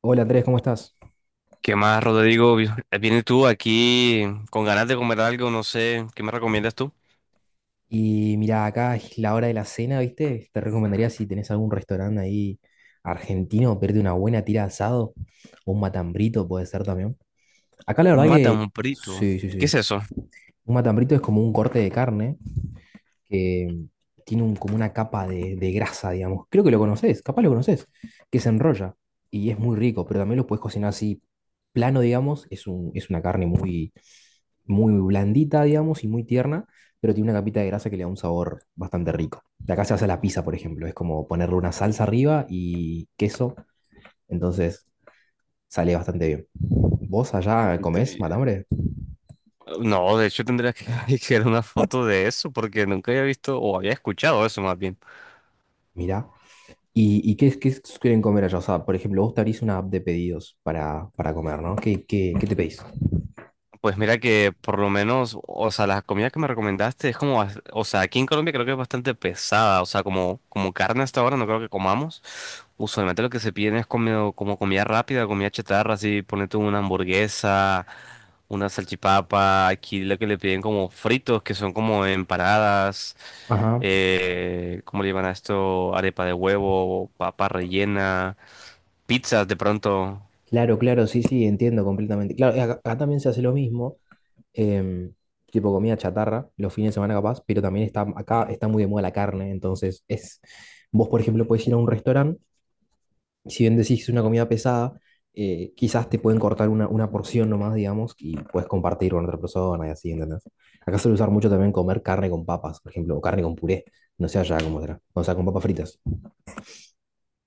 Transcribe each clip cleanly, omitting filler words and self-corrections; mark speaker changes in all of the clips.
Speaker 1: Hola Andrés, ¿cómo estás?
Speaker 2: ¿Qué más, Rodrigo? Vienes tú aquí con ganas de comer algo, no sé, ¿qué me recomiendas tú?
Speaker 1: Y mira, acá es la hora de la cena, ¿viste? Te recomendaría, si tenés algún restaurante ahí argentino, pedirte una buena tira de asado o un matambrito puede ser también. Acá la
Speaker 2: Un
Speaker 1: verdad que
Speaker 2: matambrito.
Speaker 1: sí, sí,
Speaker 2: ¿Qué
Speaker 1: sí.
Speaker 2: es eso?
Speaker 1: Un matambrito es como un corte de carne que tiene un- como una capa de grasa, digamos. Creo que lo conoces, capaz lo conoces, que se enrolla y es muy rico, pero también lo puedes cocinar así plano, digamos. Es un, es una carne muy, muy blandita, digamos, y muy tierna, pero tiene una capita de grasa que le da un sabor bastante rico. De acá se hace la pizza, por ejemplo, es como ponerle una salsa arriba y queso, entonces sale bastante bien. ¿Vos allá comés
Speaker 2: Entri-
Speaker 1: matambre?
Speaker 2: No, de hecho tendría que que ver una foto de eso porque nunca había visto o había escuchado eso más bien.
Speaker 1: Mirá. Y qué, es- qué suelen comer allá? O sea, por ejemplo, vos te abrís una app de pedidos para comer, ¿no? ¿Qué, qué, qué te pedís?
Speaker 2: Pues mira que por lo menos, o sea, la comida que me recomendaste es como, o sea, aquí en Colombia creo que es bastante pesada, o sea, como carne hasta ahora no creo que comamos. Usualmente lo que se piden es como comida rápida, comida chatarra, así, ponete una hamburguesa, una salchipapa, aquí lo que le piden como fritos, que son como empanadas,
Speaker 1: Ajá.
Speaker 2: ¿cómo le llaman a esto? Arepa de huevo, papa rellena, pizzas de pronto.
Speaker 1: Claro, claro, sí, sí, entiendo completamente. Claro, acá, acá también se hace lo mismo, em, tipo comida chatarra, los fines de semana capaz, pero también está, acá está muy de moda la carne, entonces es, vos por ejemplo podés ir a un restaurante, si bien decís que es una comida pesada, quizás te pueden cortar una porción nomás, digamos, y puedes compartir con otra persona y así, ¿entendés? Acá suele usar mucho también comer carne con papas, por ejemplo, o carne con puré, no sé allá cómo será, o sea, con papas fritas.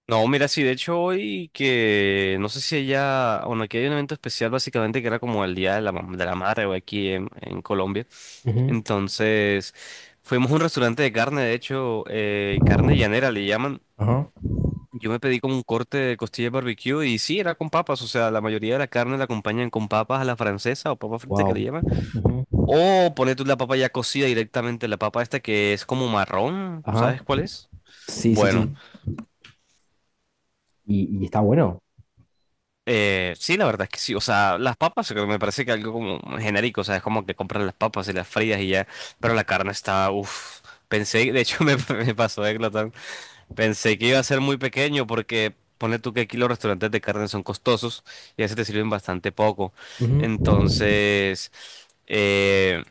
Speaker 2: No, mira, sí, de hecho hoy que no sé si ella, bueno, aquí hay un evento especial básicamente que era como el Día de la, de la Madre o aquí en Colombia.
Speaker 1: Ujú.
Speaker 2: Entonces, fuimos a un restaurante de carne, de hecho, carne llanera le llaman.
Speaker 1: Ajá.
Speaker 2: Yo me pedí como un corte de costilla de barbecue y sí, era con papas, o sea, la mayoría de la carne la acompañan con papas a la francesa o papa frita que le
Speaker 1: Wow.
Speaker 2: llaman.
Speaker 1: Ujú.
Speaker 2: O poner tú la papa ya cocida directamente, la papa esta que es como marrón,
Speaker 1: Ajá.
Speaker 2: ¿sabes cuál es?
Speaker 1: Sí, sí,
Speaker 2: Bueno.
Speaker 1: sí. Y está bueno.
Speaker 2: Sí, la verdad es que sí. O sea, las papas creo que me parece que algo como genérico. O sea, es como que compras las papas y las frías y ya. Pero la carne está, uff. Pensé, de hecho me pasó de glotón. Pensé que iba a ser muy pequeño porque pone tú que aquí los restaurantes de carne son costosos y a veces te sirven bastante poco.
Speaker 1: Ujú.
Speaker 2: Entonces, eh,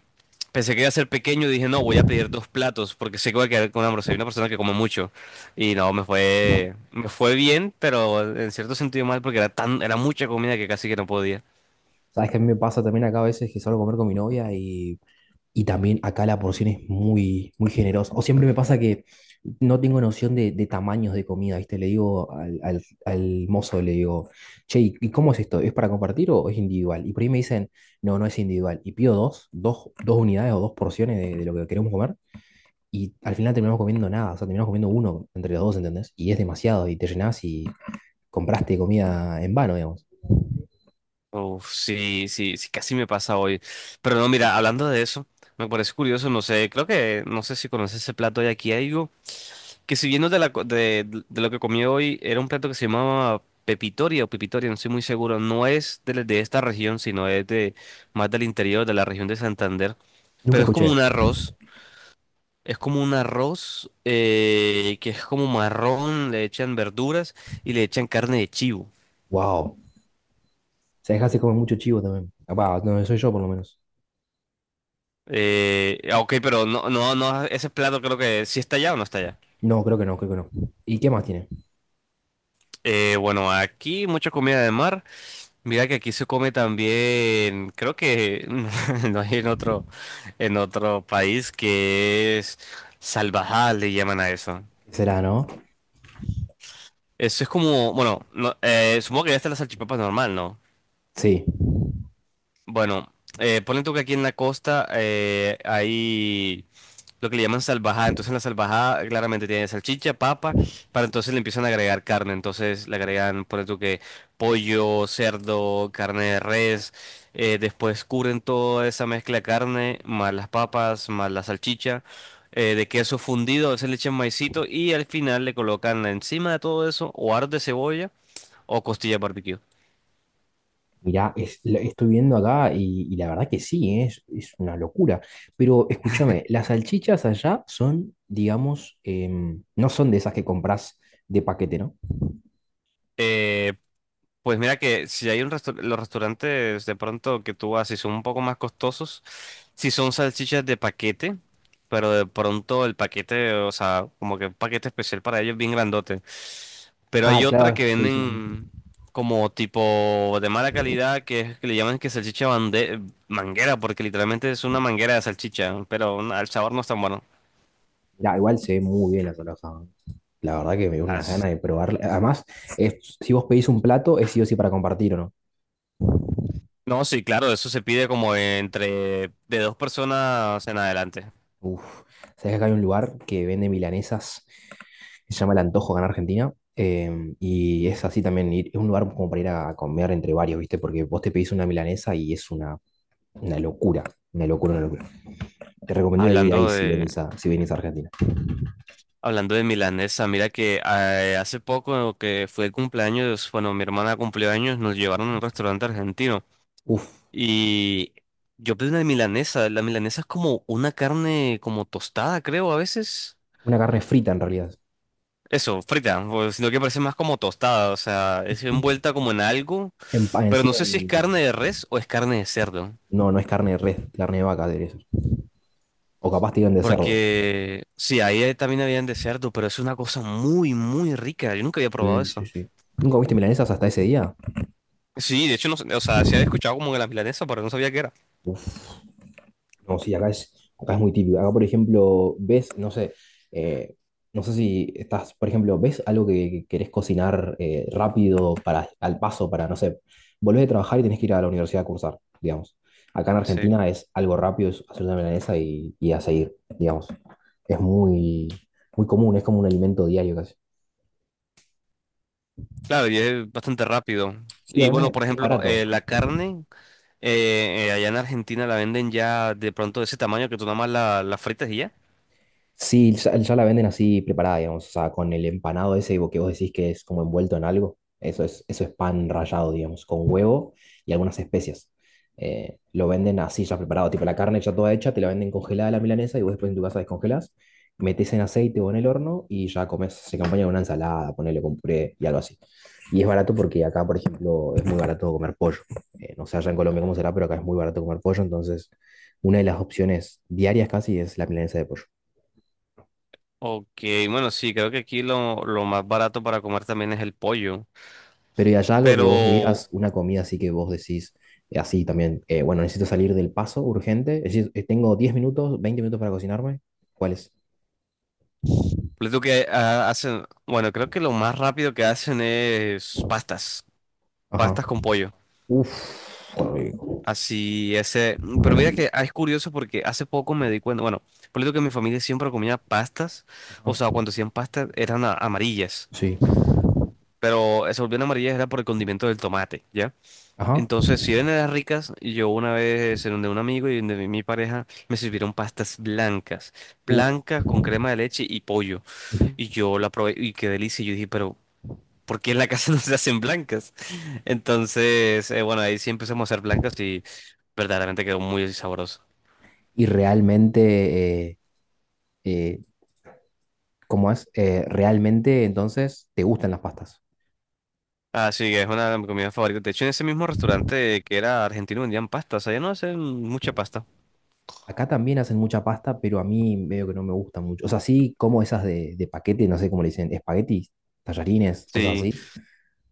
Speaker 2: pensé que iba a ser pequeño y dije, no, voy a pedir dos platos porque sé que voy a quedar con hambre. Soy una persona que come mucho. Y no, me fue bien, pero en cierto sentido mal porque era tan, era mucha comida que casi que no podía.
Speaker 1: Sabes que a mí me pasa también acá a veces que salgo a comer con mi novia. Y también acá la porción es muy, muy generosa. O siempre me pasa que no tengo noción de tamaños de comida, ¿viste? Le digo al, al- al mozo, le digo, che, y cómo es esto? ¿Es para compartir o es individual? Y por ahí me dicen, no, no es individual. Y pido dos, dos, dos unidades o dos porciones de lo que queremos comer. Y al final terminamos comiendo nada, o sea, terminamos comiendo uno entre los dos, ¿entendés? Y es demasiado, y te llenás y compraste comida en vano, digamos.
Speaker 2: Uf, sí, sí, sí, casi me pasa hoy. Pero no, mira, hablando de eso, me parece curioso, no sé, creo que, no sé si conoces ese plato de aquí, hay algo que si viendo de, la, co- de lo que comí hoy, era un plato que se llamaba pepitoria o pepitoria, no estoy muy seguro, no es de esta región, sino es de más del interior, de la región de Santander,
Speaker 1: Nunca
Speaker 2: pero es como un
Speaker 1: escuché.
Speaker 2: arroz. Es como un arroz que es como marrón, le echan verduras y le echan carne de chivo.
Speaker 1: Wow. O sea, dejás de comer mucho chivo también. Capaz, no soy yo por lo menos.
Speaker 2: Ok, pero no, no, no, ese plato creo que sí está allá o no está allá.
Speaker 1: No, creo que no, creo que no. ¿Y qué más tiene?
Speaker 2: Bueno, aquí mucha comida de mar. Mira que aquí se come también, creo que no hay en en otro país que es salvajal. Le llaman a eso.
Speaker 1: ¿Qué será, no?
Speaker 2: Eso es como, bueno, no, supongo que ya está la salchipapa normal, ¿no?
Speaker 1: Sí.
Speaker 2: Bueno, ponle tú que aquí en la costa hay lo que le llaman salvajada. Entonces la salvajada claramente tiene salchicha, papa, para entonces le empiezan a agregar carne. Entonces le agregan, ponle tú que pollo, cerdo, carne de res. Después cubren toda esa mezcla de carne, más las papas, más la salchicha, de queso fundido. A veces le echan maicito y al final le colocan encima de todo eso o aros de cebolla o costillas barbecue.
Speaker 1: Mirá, es- la- estoy viendo acá y la verdad que sí, ¿eh? Es una locura. Pero escúchame, las salchichas allá son, digamos, no son de esas que compras de paquete, ¿no?
Speaker 2: Eh, Pues mira que si hay un los restaurantes de pronto que tú vas, si son un poco más costosos, si son salchichas de paquete, pero de pronto el paquete, o sea, como que un paquete especial para ellos bien grandote. Pero
Speaker 1: Ah,
Speaker 2: hay otra
Speaker 1: claro,
Speaker 2: que
Speaker 1: sí, sí, sí.
Speaker 2: venden como tipo de mala calidad que, que le llaman que salchicha manguera, porque literalmente es una manguera de salchicha, pero al sabor no es tan bueno.
Speaker 1: Mirá, igual se ve muy bien la salsa. La verdad que me dio unas
Speaker 2: Las-
Speaker 1: ganas de probarla. Además, es- si vos pedís un plato, es sí o sí para compartir, ¿o no?
Speaker 2: No, sí, claro, eso se pide como entre de dos personas en adelante.
Speaker 1: Uf, sabes que acá hay un lugar que vende milanesas que se llama El Antojo acá en Argentina. Y es así también, ir- es un lugar como para ir a comer entre varios, ¿viste? Porque vos te pedís una milanesa y es una locura, una locura, una locura. Te recomiendo ir ahí
Speaker 2: Hablando
Speaker 1: si
Speaker 2: de,
Speaker 1: venís a, si venís a Argentina.
Speaker 2: Hablando de milanesa, mira que hace poco que fue el cumpleaños, bueno, mi hermana cumplió años, nos llevaron a un restaurante argentino
Speaker 1: Uf,
Speaker 2: y yo pedí una milanesa. La milanesa es como una carne como tostada, creo, a veces.
Speaker 1: una carne frita en realidad.
Speaker 2: Eso, frita, o sino que parece más como tostada, o sea, es
Speaker 1: Ujú.
Speaker 2: envuelta como en algo,
Speaker 1: En, pa- en
Speaker 2: pero
Speaker 1: sí,
Speaker 2: no sé si es
Speaker 1: en-
Speaker 2: carne de res o es carne de cerdo.
Speaker 1: no, no es carne de res, carne de vaca, de eso. O capaz te de cerdo.
Speaker 2: Porque sí, ahí también habían de cerdo, pero es una cosa muy, muy rica. Yo nunca había probado
Speaker 1: Sí, sí,
Speaker 2: eso.
Speaker 1: sí. ¿Nunca viste milanesas hasta ese día?
Speaker 2: Sí, de hecho, no, sé, o sea, se había escuchado como que la milanesa, pero no sabía qué era.
Speaker 1: Uf. No, sí, acá es muy típico. Acá, por ejemplo, ves, no sé, eh, no sé si estás, por ejemplo, ves algo que querés cocinar, rápido, para, al paso, para, no sé, volvés de trabajar y tenés que ir a la universidad a cursar, digamos. Acá en
Speaker 2: Sí,
Speaker 1: Argentina es algo rápido, es hacer una milanesa y a seguir, digamos. Es muy, muy común, es como un alimento diario casi.
Speaker 2: claro, y es bastante rápido.
Speaker 1: Sí,
Speaker 2: Y
Speaker 1: además
Speaker 2: bueno, por
Speaker 1: es
Speaker 2: ejemplo,
Speaker 1: barato.
Speaker 2: allá en Argentina la venden ya de pronto de ese tamaño que tú nada más la fritas y ya.
Speaker 1: Sí, ya, ya la venden así preparada, digamos, o sea, con el empanado ese que vos decís que es como envuelto en algo. Eso es pan rallado, digamos, con huevo y algunas especias. Lo venden así ya preparado, tipo la carne ya toda hecha, te la venden congelada la milanesa y vos después en tu casa descongelás, metés en aceite o en el horno y ya comes, se acompaña con una ensalada, ponele con puré y algo así. Y es barato porque acá, por ejemplo, es muy barato comer pollo. No sé allá en Colombia cómo será, pero acá es muy barato comer pollo, entonces una de las opciones diarias casi es la milanesa de pollo.
Speaker 2: Ok, bueno, sí, creo que aquí lo más barato para comer también es el pollo.
Speaker 1: Pero ¿y allá algo que vos digas,
Speaker 2: Pero,
Speaker 1: una comida así que vos decís, así también, bueno, necesito salir del paso urgente, es decir, tengo 10 minutos, 20 minutos para cocinarme? ¿Cuál es?
Speaker 2: les digo que ah, hacen, bueno, creo que lo más rápido que hacen es pastas,
Speaker 1: Ajá.
Speaker 2: pastas con pollo.
Speaker 1: Uf, qué rico.
Speaker 2: Así, ese. Pero mira que ah, es curioso porque hace poco me di cuenta. Bueno, por lo que mi familia siempre comía pastas. O
Speaker 1: Ajá.
Speaker 2: sea, cuando hacían pastas eran amarillas.
Speaker 1: Sí.
Speaker 2: Pero se volvían amarillas era por el condimento del tomate, ¿ya?
Speaker 1: Ajá.
Speaker 2: Entonces, si bien eran ricas, yo una vez en donde un amigo y donde mi pareja me sirvieron pastas blancas.
Speaker 1: Uh,
Speaker 2: Blancas con crema de leche y pollo.
Speaker 1: ujú.
Speaker 2: Y yo la probé y qué delicia. Y yo dije, pero porque en la casa no se hacen blancas. Entonces, bueno, ahí sí empezamos a hacer blancas y verdaderamente quedó muy sabroso.
Speaker 1: Y realmente, eh, ¿cómo es? Realmente, entonces, te gustan las pastas.
Speaker 2: Así que es una de mis comidas favoritas. De hecho, en ese mismo restaurante que era argentino vendían pastas. Allá no hacen mucha pasta.
Speaker 1: Acá también hacen mucha pasta, pero a mí medio que no me gusta mucho. O sea, sí como esas de paquete, no sé cómo le dicen, espaguetis, tallarines, cosas
Speaker 2: Sí.
Speaker 1: así.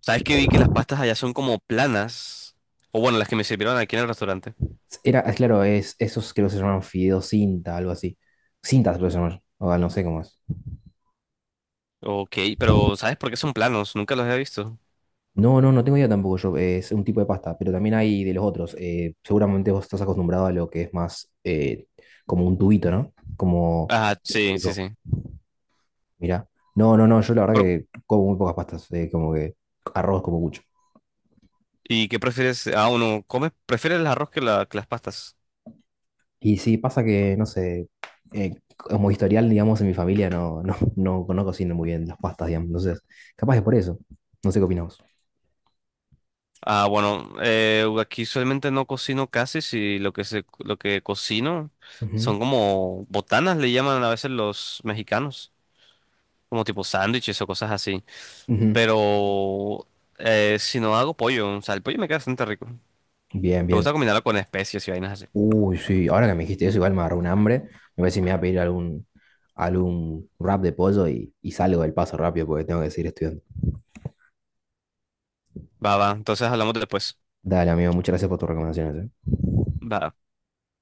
Speaker 2: ¿Sabes que vi que las pastas allá son como planas? O bueno, las que me sirvieron aquí en el restaurante.
Speaker 1: Era, ah, claro, es, esos creo que se llaman fideos cinta, algo así. Cintas se llaman o ah, no sé cómo es.
Speaker 2: Ok, pero ¿sabes por qué son planos? Nunca los había visto.
Speaker 1: No, no, no tengo idea tampoco yo, es un tipo de pasta, pero también hay de los otros. Seguramente vos estás acostumbrado a lo que es más, como un tubito, ¿no? Como
Speaker 2: Ah, sí, sí,
Speaker 1: cilíndrico,
Speaker 2: sí.
Speaker 1: mira. No, no, no, yo la verdad
Speaker 2: Pero
Speaker 1: que como muy pocas pastas, como que arroz como mucho.
Speaker 2: ¿y qué prefieres? Ah, uno come, prefieres el arroz que las pastas.
Speaker 1: Y sí, pasa que, no sé, como historial, digamos, en mi familia no, no cocino muy bien las pastas, digamos. Entonces, capaz es por eso. No sé qué opinamos.
Speaker 2: Ah, bueno, aquí usualmente no cocino casi, si lo que se, lo que cocino son como botanas, le llaman a veces los mexicanos, como tipo sándwiches o cosas así.
Speaker 1: Ujú.
Speaker 2: Pero si no hago pollo, o sea, el pollo me queda bastante rico. Me
Speaker 1: Bien, bien.
Speaker 2: gusta combinarlo con especias y vainas así.
Speaker 1: Uy, sí, ahora que me dijiste eso, igual me agarró un hambre. Me voy a pedir algún, algún wrap de pollo y salgo del paso rápido porque tengo que seguir estudiando.
Speaker 2: Va, va, entonces hablamos después.
Speaker 1: Dale, amigo, muchas gracias por tus recomendaciones. Eh.
Speaker 2: Va.